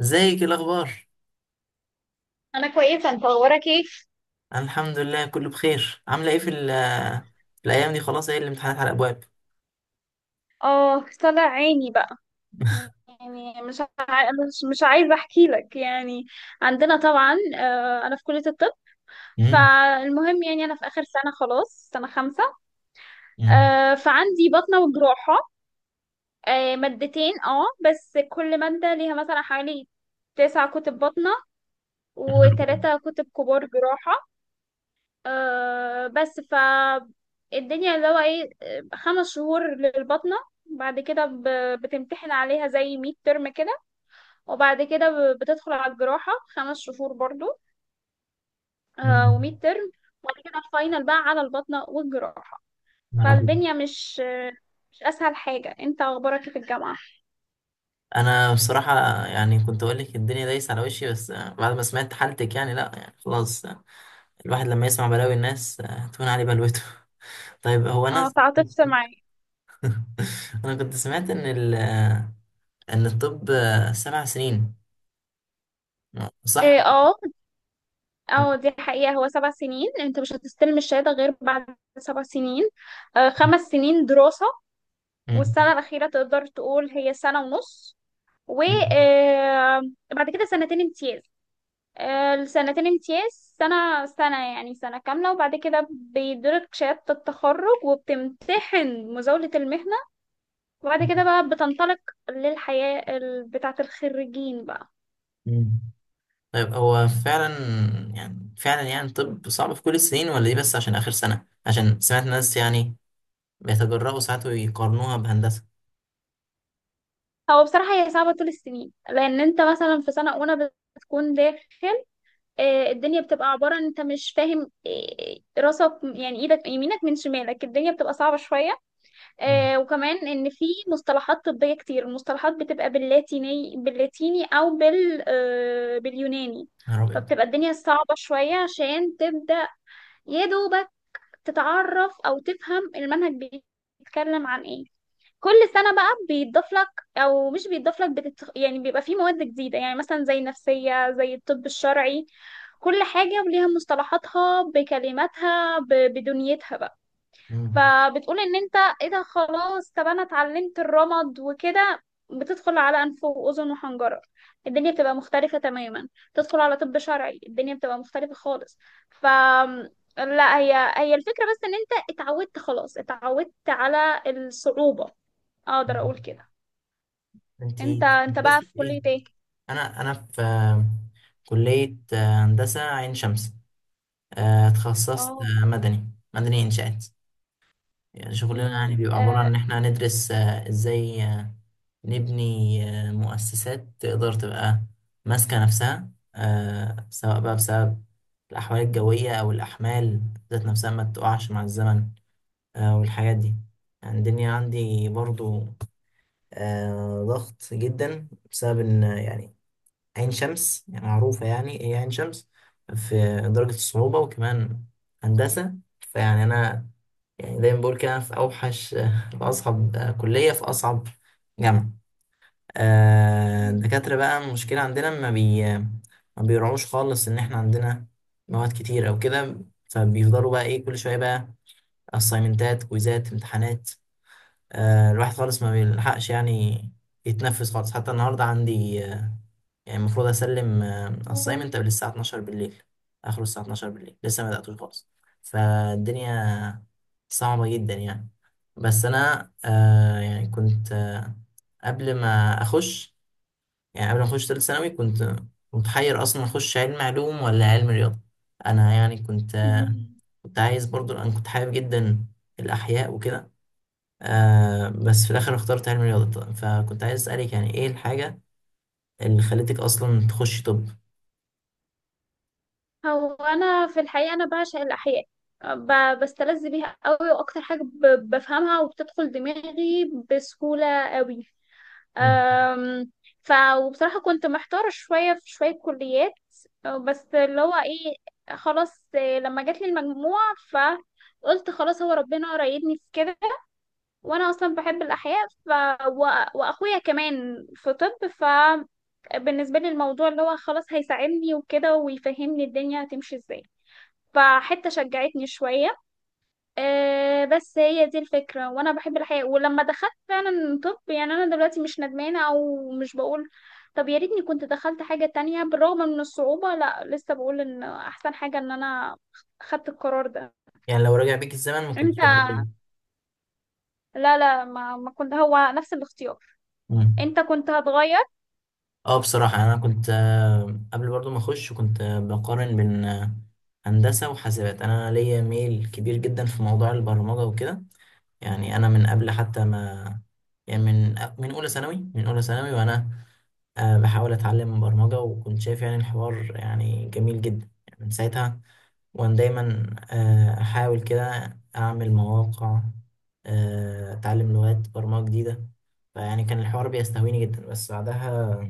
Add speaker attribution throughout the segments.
Speaker 1: ازيك، ايه الاخبار؟
Speaker 2: انا كويسه، انت اخبارك ايه؟
Speaker 1: انا الحمد لله، كله بخير. عامله ايه في الايام دي؟ خلاص، ايه الامتحانات على الابواب؟
Speaker 2: اه، طلع عيني بقى. يعني مش عايزه احكي لك يعني. عندنا طبعا انا في كليه الطب.
Speaker 1: امم.
Speaker 2: فالمهم يعني انا في اخر سنه، خلاص سنه خمسة. فعندي بطنه وجراحه. مادتين، بس كل ماده ليها مثلا حوالي 9 كتب بطنه، و3 كتب كبار جراحه. بس ف الدنيا اللي هو ايه، 5 شهور للبطنة. بعد كده بتمتحن عليها زي ميد ترم كده. وبعد كده بتدخل على الجراحة 5 شهور برضو،
Speaker 1: امم.
Speaker 2: وميد ترم. وبعد كده الفاينل بقى على البطنة والجراحة.
Speaker 1: يا رب.
Speaker 2: فالدنيا مش مش أسهل حاجة. انت أخبارك إيه في الجامعة؟
Speaker 1: انا بصراحه يعني كنت اقول لك الدنيا دايسه على وشي، بس بعد ما سمعت حالتك يعني لا، يعني خلاص. الواحد لما يسمع بلاوي الناس تهون عليه بلوته. طيب، هو انا.
Speaker 2: اه، تعاطفت معايا.
Speaker 1: كنت سمعت ان الطب 7 سنين، صح؟
Speaker 2: إيه، اه. اه، دي حقيقة. هو 7 سنين، انت مش هتستلم الشهادة غير بعد 7 سنين. 5 سنين دراسة،
Speaker 1: مم.
Speaker 2: والسنة الأخيرة تقدر تقول هي سنة ونص.
Speaker 1: مم.
Speaker 2: وبعد كده سنتين امتياز. السنتين امتياز سنة سنة، يعني سنة كاملة. وبعد كده بيدرك شهادة التخرج وبتمتحن مزاولة المهنة. وبعد
Speaker 1: مم.
Speaker 2: كده بقى بتنطلق للحياة بتاعة الخريجين بقى.
Speaker 1: مم. طيب، هو فعلا، يعني طب صعب في كل السنين ولا ايه؟ بس عشان آخر سنة، عشان سمعت ناس يعني بيتجرأوا ساعات ويقارنوها بهندسة.
Speaker 2: هو بصراحة هي صعبة طول السنين، لأن أنت مثلا في سنة أولى بتكون داخل. الدنيا بتبقى عبارة أن أنت مش فاهم راسك، يعني إيدك يمينك من شمالك، الدنيا بتبقى صعبة شوية.
Speaker 1: مم.
Speaker 2: وكمان ان في مصطلحات طبية كتير، المصطلحات بتبقى باللاتيني او باليوناني.
Speaker 1: يا نهار أبيض.
Speaker 2: فبتبقى الدنيا صعبة شوية عشان تبدأ يا دوبك تتعرف او تفهم المنهج بيتكلم عن ايه. كل سنة بقى بيتضاف لك، او مش بيتضاف لك، يعني بيبقى فيه مواد جديدة، يعني مثلا زي النفسية، زي الطب الشرعي. كل حاجة وليها مصطلحاتها بكلماتها بدنيتها بقى.
Speaker 1: مم.
Speaker 2: فبتقول ان انت ايه ده؟ خلاص طب انا اتعلمت الرمد وكده، بتدخل على انف واذن وحنجره، الدنيا بتبقى مختلفه تماما. تدخل على طب شرعي، الدنيا بتبقى مختلفه خالص. ف لا، هي الفكره، بس ان انت اتعودت، خلاص اتعودت على الصعوبه. اقدر
Speaker 1: مم.
Speaker 2: اقول كده. انت
Speaker 1: انتي
Speaker 2: انت
Speaker 1: تخصصت
Speaker 2: بقى في
Speaker 1: في ايه؟
Speaker 2: كليه ايه؟
Speaker 1: أنا في كلية هندسة عين شمس. اتخصصت
Speaker 2: اه.
Speaker 1: مدني إنشاءات. يعني شغلنا يعني
Speaker 2: امم.
Speaker 1: بيبقى عبارة عن
Speaker 2: آه.
Speaker 1: إن إحنا هندرس إزاي نبني مؤسسات تقدر تبقى ماسكة نفسها، سواء بقى بسبب الأحوال الجوية أو الأحمال ذات نفسها ما تقعش مع الزمن، والحاجات دي. يعني الدنيا عندي برضو ضغط جدا، بسبب إن يعني عين شمس يعني معروفة، يعني هي عين شمس في درجة الصعوبة، وكمان هندسة. فيعني أنا يعني دايما بقول كده، أنا في أوحش في أصعب كلية، في أصعب جامعة. الدكاترة بقى، المشكلة عندنا ما بيراعوش خالص إن إحنا عندنا مواد كتير أو كده. فبيفضلوا بقى إيه كل شوية بقى، أسايمنتات، كويزات، امتحانات. الواحد خالص ما بيلحقش يعني يتنفس خالص. حتى النهاردة عندي يعني المفروض اسلم اسايمنت قبل الساعه 12 بالليل، اخره الساعه 12 بالليل، لسه ما بداتوش خالص. فالدنيا صعبه جدا يعني. بس انا يعني كنت قبل ما اخش قبل ما اخش ثالث ثانوي، كنت متحير اصلا اخش علم علوم ولا علم رياضه. انا يعني
Speaker 2: مم.
Speaker 1: كنت عايز برضو، انا كنت حابب جدا الاحياء وكده. بس في الاخر اخترت علم رياضه، فكنت عايز اسالك يعني ايه الحاجه اللي خلتك اصلا تخشي طب.
Speaker 2: هو انا في الحقيقه انا بعشق الاحياء، بستلذ بيها قوي، واكتر حاجه بفهمها وبتدخل دماغي بسهوله قوي. أم، ف وبصراحه كنت محتاره شويه في شويه كليات. بس اللي هو ايه، خلاص. لما جات لي المجموعه، فقلت خلاص هو ربنا رايدني في كده، وانا اصلا بحب الاحياء. ف و... واخويا كمان في طب، فبالنسبه لي الموضوع اللي هو خلاص هيساعدني وكده، ويفهمني الدنيا هتمشي ازاي، فحتة شجعتني شوية. بس هي دي الفكرة، وأنا بحب الحياة. ولما دخلت فعلا طب، يعني أنا دلوقتي مش ندمانة أو مش بقول طب يا ريتني كنت دخلت حاجة تانية. بالرغم من الصعوبة، لا، لسه بقول إن أحسن حاجة إن أنا خدت القرار ده.
Speaker 1: يعني لو رجع بيك الزمن ما كنتش
Speaker 2: أنت؟
Speaker 1: هتغير؟
Speaker 2: لا، لا، ما كنت، هو نفس الاختيار.
Speaker 1: مم.
Speaker 2: أنت كنت هتغير؟
Speaker 1: اه بصراحة، انا كنت قبل برضو ما اخش كنت بقارن بين هندسة وحاسبات. انا ليا ميل كبير جدا في موضوع البرمجة وكده. يعني انا من قبل حتى ما يعني من اولى ثانوي وانا بحاول اتعلم برمجة، وكنت شايف يعني الحوار يعني جميل جدا، يعني من ساعتها. وأنا دايما أحاول كده أعمل مواقع، أتعلم لغات برمجة جديدة. فيعني كان الحوار بيستهويني جدا. بس بعدها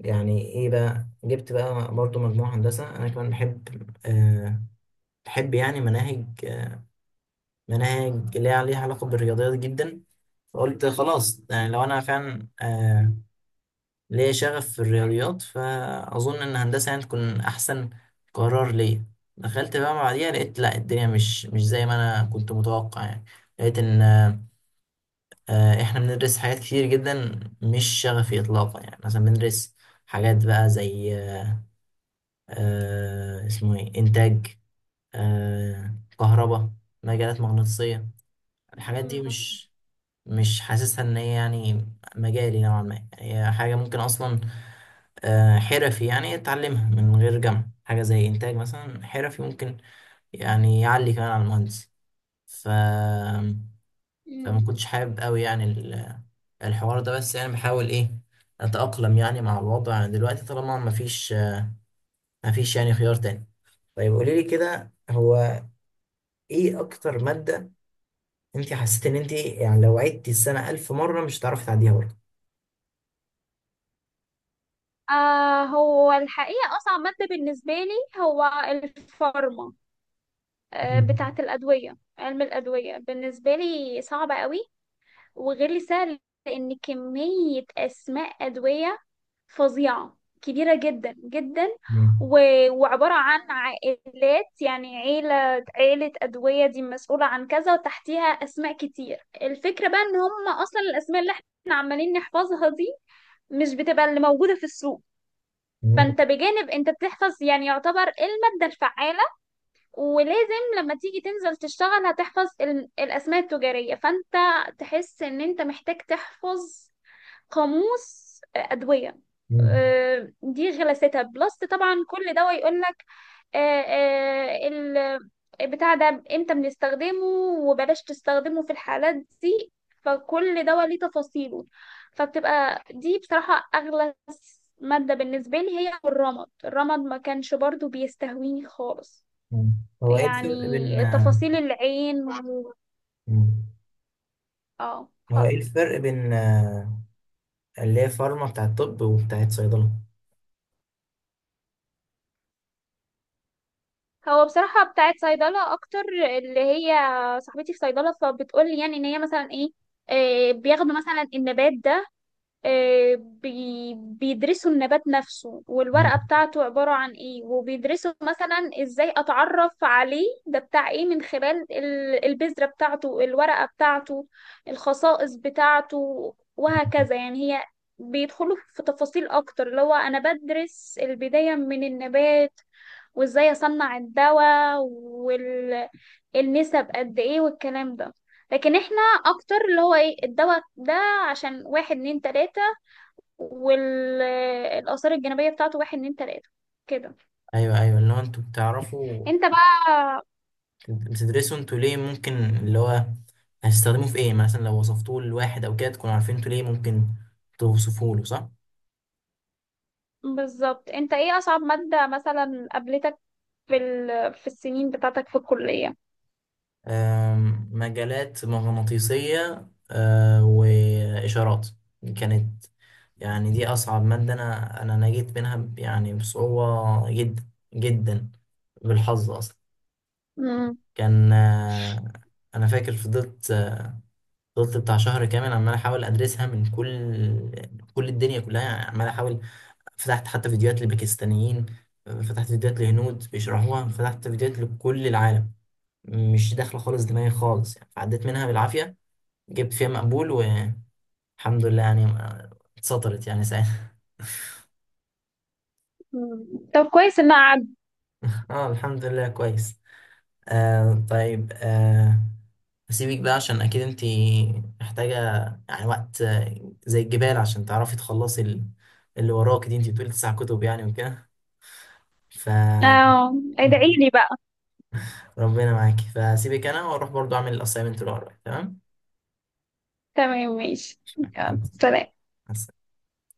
Speaker 1: يعني إيه بقى، جبت بقى برضو مجموعة هندسة. أنا كمان آه، بحب يعني مناهج ليها علاقة بالرياضيات جدا. فقلت خلاص، يعني لو أنا فعلا ليا شغف في الرياضيات، فأظن إن هندسة يعني تكون أحسن قرار ليا. دخلت بقى بعديها، لقيت لأ، الدنيا مش زي ما أنا كنت متوقع يعني. لقيت إن إحنا بندرس حاجات كتير جدا مش شغفي إطلاقا. يعني مثلا بندرس حاجات بقى زي اسمه إيه، إنتاج، كهرباء، مجالات مغناطيسية. الحاجات دي
Speaker 2: مم.
Speaker 1: مش حاسسها ان هي يعني مجالي نوعا ما. يعني هي حاجة ممكن اصلا حرفي يعني اتعلمها من غير جامعة. حاجة زي انتاج مثلا، حرفي ممكن يعني يعلي كمان على المهندس. ف فما
Speaker 2: مم.
Speaker 1: كنتش حابب قوي يعني الحوار ده. بس يعني بحاول ايه، اتأقلم يعني مع الوضع دلوقتي طالما مفيش يعني خيار تاني. طيب قولي لي كده، هو ايه اكتر مادة انت حسيت ان انت يعني لو عدتي السنة 1000 مرة مش هتعرفي تعديها برضه؟
Speaker 2: هو الحقيقة أصعب مادة بالنسبة لي هو الفارما، بتاعة الأدوية. علم الأدوية بالنسبة لي صعبة قوي، وغير لي سهل، لأن كمية أسماء أدوية فظيعة، كبيرة جدا جدا.
Speaker 1: مم.
Speaker 2: وعبارة عن عائلات، يعني عيلة عيلة أدوية دي مسؤولة عن كذا، وتحتيها أسماء كتير. الفكرة بقى إن هم أصلا الأسماء اللي احنا عمالين نحفظها دي مش بتبقى اللي موجودة في السوق.
Speaker 1: مم.
Speaker 2: فانت بجانب انت بتحفظ يعني يعتبر ايه المادة الفعالة، ولازم لما تيجي تنزل تشتغل هتحفظ الأسماء التجارية، فأنت تحس إن أنت محتاج تحفظ قاموس أدوية.
Speaker 1: مم.
Speaker 2: دي غلاستها. بلس طبعا كل دواء يقولك آه، آه، ال بتاع ده امتى بنستخدمه، وبلاش تستخدمه في الحالات دي. فكل دواء ليه تفاصيله. فبتبقى دي بصراحة أغلى مادة بالنسبة لي. هي الرمد. الرمد ما كانش برضو بيستهويني خالص.
Speaker 1: مم. هو ايه الفرق بين
Speaker 2: يعني
Speaker 1: آه،
Speaker 2: تفاصيل العين
Speaker 1: مم.
Speaker 2: اه.
Speaker 1: هو ايه
Speaker 2: ف-
Speaker 1: الفرق بين اللي هي فارما بتاعت طب وبتاعت صيدلة؟
Speaker 2: هو بصراحة بتاعت صيدلة أكتر، اللي هي صاحبتي في صيدلة فبتقولي، يعني إن هي مثلا إيه بياخدوا مثلا النبات ده، بيدرسوا النبات نفسه،
Speaker 1: مم.
Speaker 2: والورقة بتاعته عبارة عن ايه، وبيدرسوا مثلا ازاي اتعرف عليه، ده بتاع ايه من خلال البذرة بتاعته، الورقة بتاعته، الخصائص بتاعته، وهكذا. يعني هي بيدخلوا في تفاصيل اكتر. اللي هو انا بدرس البداية من النبات، وازاي اصنع الدواء، والنسب قد ايه، والكلام ده. لكن احنا اكتر اللي هو ايه الدواء ده عشان واحد، اتنين، تلاتة، والآثار الجانبية بتاعته واحد، اتنين، تلاتة، كده.
Speaker 1: ايوه، ايوه، اللي هو انتوا بتعرفوا
Speaker 2: انت بقى
Speaker 1: بتدرسوا انتوا ليه ممكن، اللي هو هتستخدموه في ايه. يعني مثلا لو وصفتوه لواحد او كده تكونوا عارفين انتوا ليه ممكن توصفوه له، صح؟
Speaker 2: بالظبط. انت ايه أصعب مادة مثلا قابلتك في السنين بتاعتك في الكلية؟
Speaker 1: مجالات مغناطيسية وإشارات كانت. يعني دي أصعب مادة، أنا نجيت منها يعني بصعوبة جدا جدا، بالحظ أصلا.
Speaker 2: مم.
Speaker 1: كان أنا فاكر فضلت بتاع شهر كامل عمال أحاول أدرسها من كل الدنيا كلها، يعني عمال أحاول. فتحت حتى فيديوهات لباكستانيين، فتحت فيديوهات لهنود بيشرحوها، فتحت فيديوهات لكل العالم، مش داخلة خالص دماغي خالص. يعني عديت منها بالعافية، جبت فيها مقبول والحمد لله. يعني اتسطرت يعني ساعتها.
Speaker 2: مم. طب كويس ان قعد.
Speaker 1: اه الحمد لله كويس. طيب. هسيبك بقى عشان اكيد انتي محتاجة يعني وقت زي الجبال عشان تعرفي تخلصي اللي وراكي دي. انتي بتقولي 9 كتب يعني وكده. ف
Speaker 2: اه، ادعيلي بقى.
Speaker 1: ربنا معاكي، فسيبك انا واروح برضو اعمل الاسايمنت اللي ورايا. تمام،
Speaker 2: تمام، ماشي، يلا سلام.
Speaker 1: مع